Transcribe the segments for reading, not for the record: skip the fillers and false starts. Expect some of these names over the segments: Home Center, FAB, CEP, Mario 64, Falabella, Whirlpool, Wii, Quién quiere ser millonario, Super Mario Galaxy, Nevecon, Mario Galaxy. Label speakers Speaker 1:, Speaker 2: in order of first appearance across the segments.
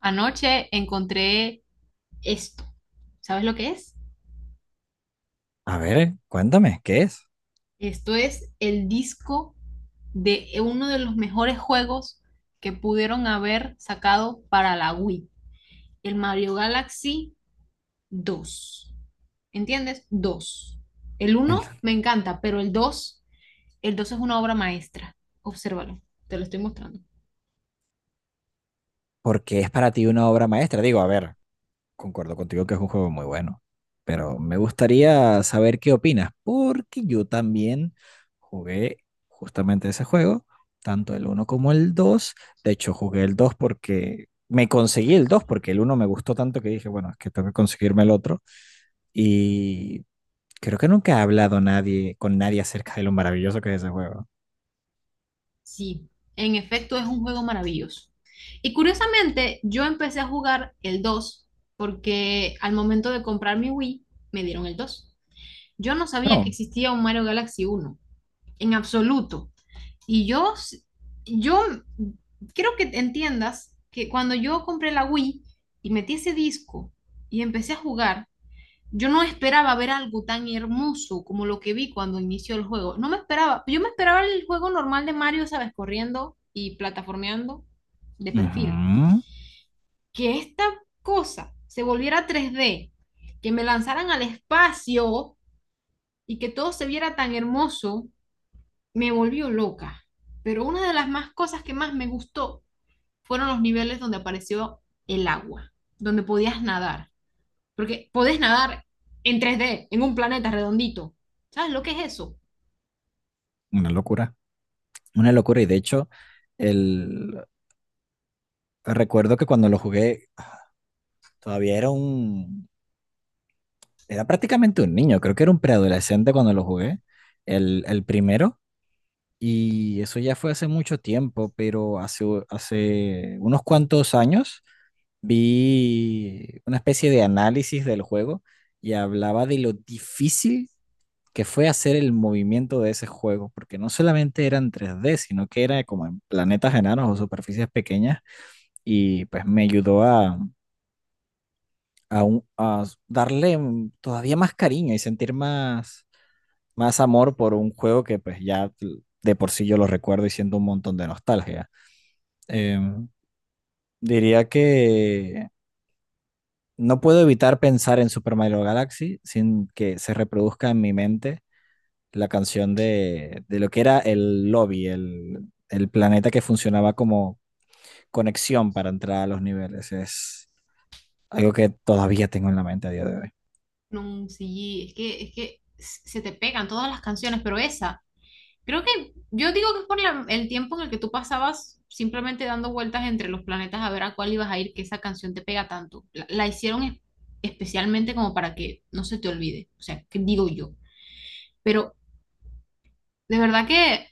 Speaker 1: Anoche encontré esto. ¿Sabes lo que es?
Speaker 2: A ver, cuéntame, ¿qué es?
Speaker 1: Esto es el disco de uno de los mejores juegos que pudieron haber sacado para la Wii, el Mario Galaxy dos. ¿Entiendes? ¿Dos? El uno
Speaker 2: El-
Speaker 1: me encanta, pero el dos es una obra maestra. Obsérvalo, te lo estoy mostrando.
Speaker 2: ¿Por qué es para ti una obra maestra? Digo, a ver, concuerdo contigo que es un juego muy bueno, pero me gustaría saber qué opinas, porque yo también jugué justamente ese juego, tanto el uno como el 2. De hecho, jugué el 2 porque me conseguí el 2 porque el uno me gustó tanto que dije, bueno, es que tengo que conseguirme el otro. Y creo que nunca ha hablado nadie con nadie acerca de lo maravilloso que es ese juego.
Speaker 1: Sí, en efecto es un juego maravilloso. Y curiosamente, yo empecé a jugar el 2 porque al momento de comprar mi Wii me dieron el 2. Yo no sabía que
Speaker 2: No.
Speaker 1: existía un Mario Galaxy uno, en absoluto. Y yo, yo quiero que entiendas que cuando yo compré la Wii y metí ese disco y empecé a jugar, yo no esperaba ver algo tan hermoso como lo que vi cuando inició el juego. No me esperaba, yo me esperaba el juego normal de Mario, sabes, corriendo y plataformeando de perfil.
Speaker 2: Ujú.
Speaker 1: Que esta cosa se volviera 3D, que me lanzaran al espacio y que todo se viera tan hermoso, me volvió loca. Pero una de las más cosas que más me gustó fueron los niveles donde apareció el agua, donde podías nadar. Porque podés nadar en 3D en un planeta redondito. ¿Sabes lo que es eso?
Speaker 2: Una locura. Una locura. Y de hecho, el... recuerdo que cuando lo jugué, todavía era un... Era prácticamente un niño, creo que era un preadolescente cuando lo jugué, el primero. Y eso ya fue hace mucho tiempo, pero hace unos cuantos años vi una especie de análisis del juego y hablaba de lo difícil que fue hacer el movimiento de ese juego, porque no solamente eran tres d sino que era como en planetas enanos o superficies pequeñas y pues me ayudó a darle todavía más cariño y sentir más amor por un juego que pues ya de por sí yo lo recuerdo y siento un montón de nostalgia. Em, Diría que no puedo evitar pensar en Super Mario Galaxy sin que se reproduzca en mi mente la canción de lo que era el lobby, el planeta que funcionaba como conexión para entrar a los niveles. Es algo que todavía tengo en la mente a día de hoy.
Speaker 1: No, sí, es que se te pegan todas las canciones, pero esa, creo que yo digo que es por el tiempo en el que tú pasabas simplemente dando vueltas entre los planetas a ver a cuál ibas a ir, que esa canción te pega tanto. La hicieron especialmente como para que no se te olvide, o sea, que digo yo. Pero de verdad que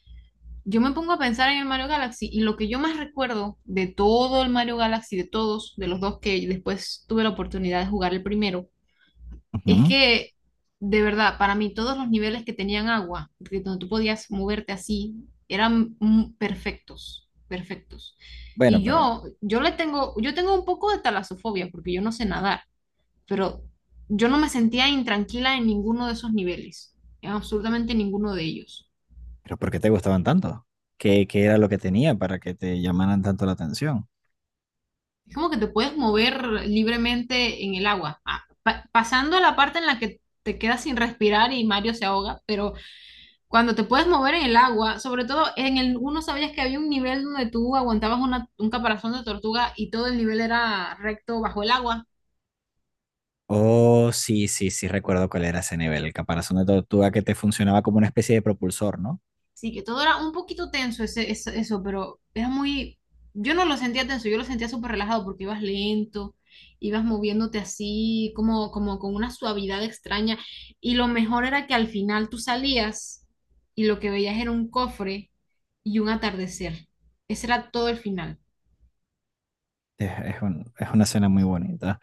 Speaker 1: yo me pongo a pensar en el Mario Galaxy y lo que yo más recuerdo de todo el Mario Galaxy, de todos, de los dos que después tuve la oportunidad de jugar el primero, es
Speaker 2: Ujú.
Speaker 1: que de verdad, para mí todos los niveles que tenían agua, que donde tú podías moverte así, eran perfectos, perfectos.
Speaker 2: Bueno, pero,
Speaker 1: Yo tengo un poco de talasofobia porque yo no sé nadar, pero yo no me sentía intranquila en ninguno de esos niveles, en absolutamente ninguno de ellos.
Speaker 2: pero ¿por qué te gustaban tanto? Qué era lo que tenía para que te llamaran tanto la atención?
Speaker 1: Es como que te puedes mover libremente en el agua. Ah, pasando a la parte en la que te quedas sin respirar y Mario se ahoga, pero cuando te puedes mover en el agua, sobre todo en el uno sabías que había un nivel donde tú aguantabas un caparazón de tortuga y todo el nivel era recto bajo el agua.
Speaker 2: Oh, sí, sí, sí, recuerdo cuál era ese nivel, el caparazón de tortuga que te funcionaba como una especie de propulsor, ¿no?
Speaker 1: Sí, que todo era un poquito tenso ese, eso, pero era muy... Yo no lo sentía tenso, yo lo sentía súper relajado porque ibas lento, ibas moviéndote así, como, como con una suavidad extraña. Y lo mejor era que al final tú salías y lo que veías era un cofre y un atardecer. Ese era todo el final.
Speaker 2: Es una escena muy bonita.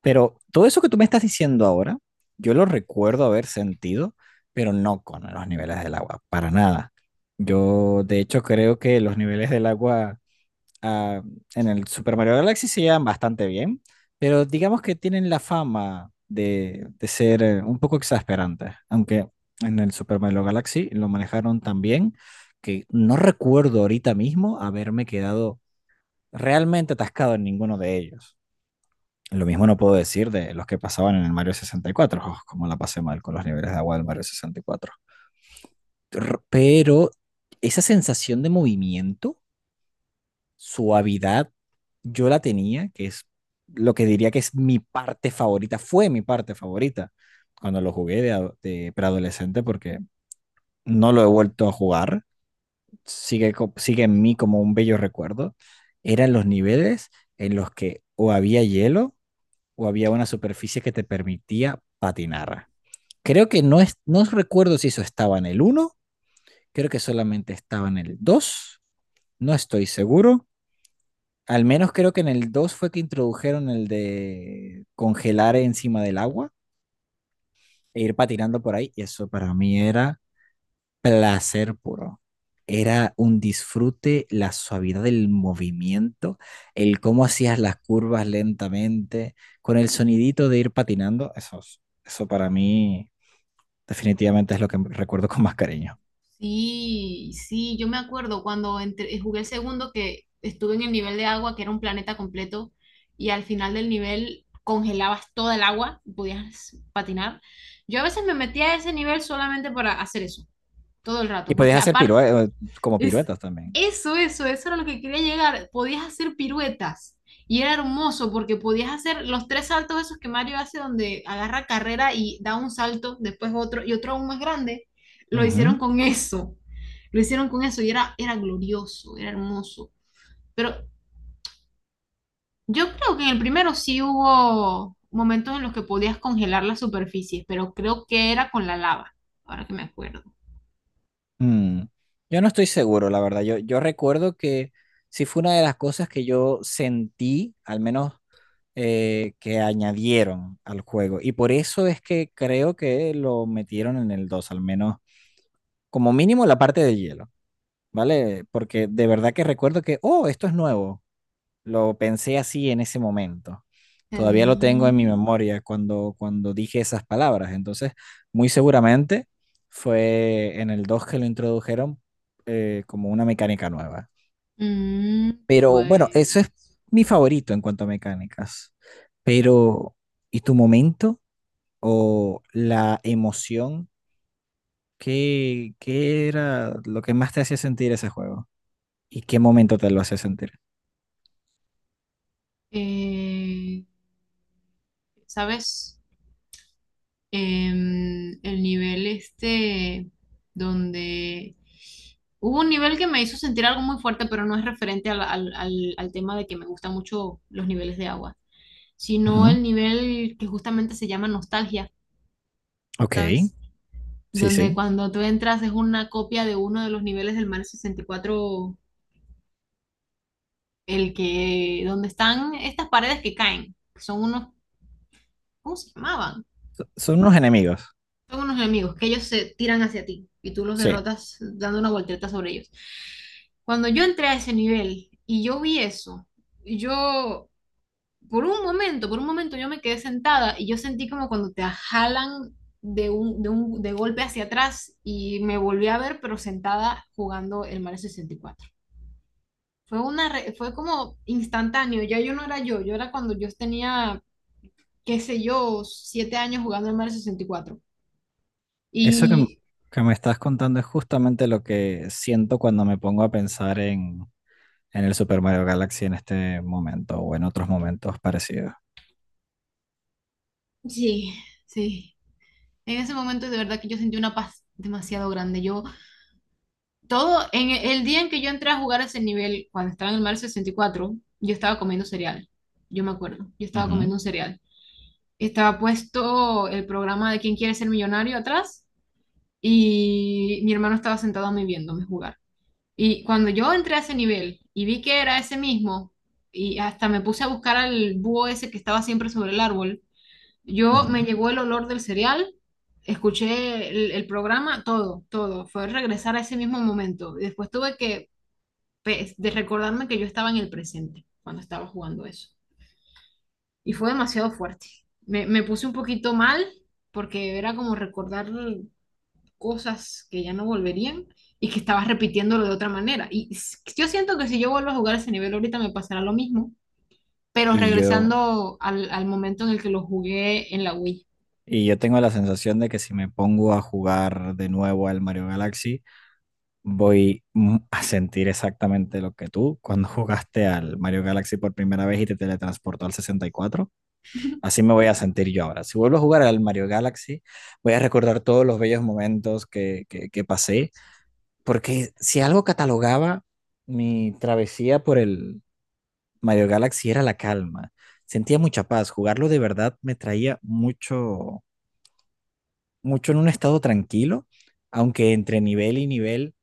Speaker 2: Pero todo eso que tú me estás diciendo ahora, yo lo recuerdo haber sentido, pero no con los niveles del agua, para nada. Yo, de hecho, creo que los niveles del agua ah, en el Super Mario Galaxy se llevan bastante bien, pero digamos que tienen la fama de ser un poco exasperantes, aunque en el Super Mario Galaxy lo manejaron tan bien que no recuerdo ahorita mismo haberme quedado realmente atascado en ninguno de ellos. Lo mismo no puedo decir de los que pasaban en el Mario 64, oh, como la pasé mal con los niveles de agua del Mario 64. Pero esa sensación de movimiento, suavidad, yo la tenía, que es lo que diría que es mi parte favorita, fue mi parte favorita cuando lo jugué de preadolescente porque no lo he vuelto a jugar, sigue en mí como un bello recuerdo, eran los niveles en los que o había hielo o había una superficie que te permitía patinar. Creo que no, no recuerdo si eso estaba en el uno, creo que solamente estaba en el dos, no estoy seguro. Al menos creo que en el 2 fue que introdujeron el de congelar encima del agua e ir patinando por ahí. Y eso para mí era placer puro. Era un disfrute, la suavidad del movimiento, el cómo hacías las curvas lentamente, con el sonidito de ir patinando. Eso para mí definitivamente es lo que recuerdo con más cariño.
Speaker 1: Sí, sí, yo me acuerdo cuando jugué el segundo que estuve en el nivel de agua, que era un planeta completo, y al final del nivel congelabas toda el agua y podías patinar. Yo a veces me metía a ese nivel solamente para hacer eso, todo el
Speaker 2: Y
Speaker 1: rato, porque
Speaker 2: podías hacer
Speaker 1: aparte
Speaker 2: como
Speaker 1: es
Speaker 2: piruetas también.
Speaker 1: eso era lo que quería llegar. Podías hacer piruetas y era hermoso porque podías hacer los tres saltos esos que Mario hace donde agarra carrera y da un salto, después otro y otro aún más grande. Lo
Speaker 2: Ujú.
Speaker 1: hicieron con eso. Lo hicieron con eso y era, era glorioso, era hermoso. Pero yo creo que en el primero sí hubo momentos en los que podías congelar las superficies, pero creo que era con la lava, ahora que me acuerdo.
Speaker 2: Mm, Yo no estoy seguro, la verdad. Yo recuerdo que sí fue una de las cosas que yo sentí, al menos que añadieron al juego. Y por eso es que creo que lo metieron en el 2, al menos como mínimo la parte de hielo, ¿vale? Porque de verdad que recuerdo que, oh, esto es nuevo. Lo pensé así en ese momento. Todavía lo tengo en mi
Speaker 1: Mm,
Speaker 2: memoria cuando dije esas palabras. Entonces, muy seguramente fue en el 2 que lo introdujeron, como una mecánica nueva.
Speaker 1: mm,
Speaker 2: Pero bueno, eso es
Speaker 1: pues
Speaker 2: mi favorito en cuanto a mecánicas. Pero, ¿y tu momento o la emoción? Qué era lo que más te hacía sentir ese juego? ¿Y qué momento te lo hacía sentir?
Speaker 1: Eh, ¿sabes? El nivel este donde hubo un nivel que me hizo sentir algo muy fuerte, pero no es referente al, al tema de que me gustan mucho los niveles de agua, sino
Speaker 2: Ujú.
Speaker 1: el nivel que justamente se llama nostalgia,
Speaker 2: Ok,
Speaker 1: ¿sabes?
Speaker 2: sí,
Speaker 1: Donde
Speaker 2: sí.
Speaker 1: cuando tú entras es una copia de uno de los niveles del Mario 64, el que, donde están estas paredes que caen, que son unos, ¿cómo se llamaban?
Speaker 2: Son unos enemigos.
Speaker 1: Son unos enemigos que ellos se tiran hacia ti y tú los
Speaker 2: Sí,
Speaker 1: derrotas dando una voltereta sobre ellos. Cuando yo entré a ese nivel y yo vi eso, yo por un momento yo me quedé sentada y yo sentí como cuando te jalan de un, de golpe hacia atrás y me volví a ver pero sentada jugando el Mario 64. Fue fue como instantáneo, ya yo no era yo, yo era cuando yo tenía qué sé yo, 7 años jugando el Mario 64.
Speaker 2: eso
Speaker 1: Y
Speaker 2: que me estás contando es justamente lo que siento cuando me pongo a pensar en el Super Mario Galaxy en este momento o en otros momentos parecidos.
Speaker 1: sí, sí. En ese momento de verdad que yo sentí una paz demasiado grande. Yo, todo, en el día en que yo entré a jugar a ese nivel, cuando estaba en el mar cuatro, yo estaba comiendo cereal. Yo me acuerdo, yo estaba
Speaker 2: Ujú,
Speaker 1: comiendo un cereal. Estaba puesto el programa de Quién quiere ser millonario atrás y mi hermano estaba sentado a mí viéndome jugar. Y cuando yo entré a ese nivel y vi que era ese mismo, y hasta me puse a buscar al búho ese que estaba siempre sobre el árbol, yo me
Speaker 2: ujú.
Speaker 1: llegó el olor del cereal, escuché el programa, todo, todo. Fue regresar a ese mismo momento. Y después tuve que pe- de recordarme que yo estaba en el presente cuando estaba jugando eso. Y fue demasiado fuerte. Me puse un poquito mal porque era como recordar cosas que ya no volverían y que estaba repitiéndolo de otra manera. Yo siento que si yo vuelvo a jugar ese nivel ahorita me pasará lo mismo, pero
Speaker 2: Y yo,
Speaker 1: regresando al, al momento en el que lo jugué en la Wii.
Speaker 2: y yo tengo la sensación de que si me pongo a jugar de nuevo al Mario Galaxy, voy a sentir exactamente lo que tú cuando jugaste al Mario Galaxy por primera vez y te teletransportó al 64. Así me voy a sentir yo ahora. Si vuelvo a jugar al Mario Galaxy, voy a recordar todos los bellos momentos que pasé, porque si algo catalogaba mi travesía por el Mario Galaxy era la calma. Sentía mucha paz. Jugarlo de verdad me traía mucho en un estado tranquilo, aunque entre nivel y nivel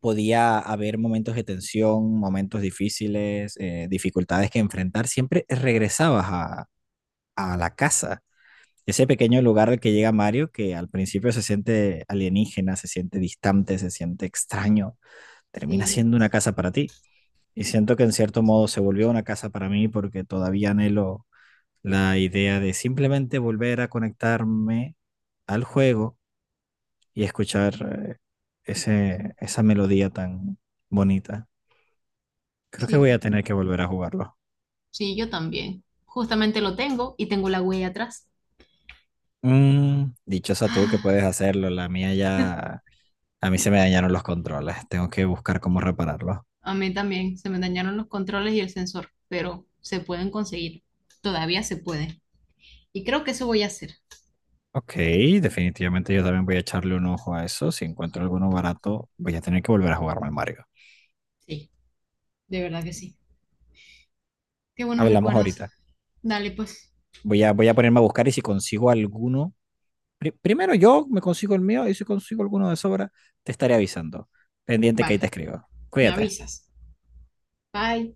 Speaker 2: podía haber momentos de tensión, momentos difíciles, dificultades que enfrentar. Siempre regresabas a la casa, ese pequeño lugar al que llega Mario, que al principio se siente alienígena, se siente distante, se siente extraño, termina
Speaker 1: Sí,
Speaker 2: siendo una casa para ti. Y siento que en cierto modo se volvió una casa para mí porque todavía anhelo la idea de simplemente volver a conectarme al juego y escuchar esa melodía tan bonita. Creo que voy a
Speaker 1: sí.
Speaker 2: tener que volver a jugarlo.
Speaker 1: Sí, yo también. Justamente lo tengo y tengo la huella atrás.
Speaker 2: Mm, dichosa tú que puedes hacerlo, la mía ya... A mí se me dañaron los controles, tengo que buscar cómo repararlos.
Speaker 1: A mí también se me dañaron los controles y el sensor, pero se pueden conseguir. Todavía se puede. Y creo que eso voy a hacer.
Speaker 2: Ok, definitivamente yo también voy a echarle un ojo a eso. Si encuentro alguno barato, voy a tener que volver a jugarme al Mario.
Speaker 1: Sí, de verdad que sí. Qué buenos
Speaker 2: Hablamos
Speaker 1: recuerdos.
Speaker 2: ahorita.
Speaker 1: Dale, pues.
Speaker 2: Voy a ponerme a buscar y si consigo alguno, primero yo me consigo el mío y si consigo alguno de sobra, te estaré avisando. Pendiente que ahí te
Speaker 1: Vale,
Speaker 2: escribo.
Speaker 1: me
Speaker 2: Cuídate.
Speaker 1: avisas. Bye.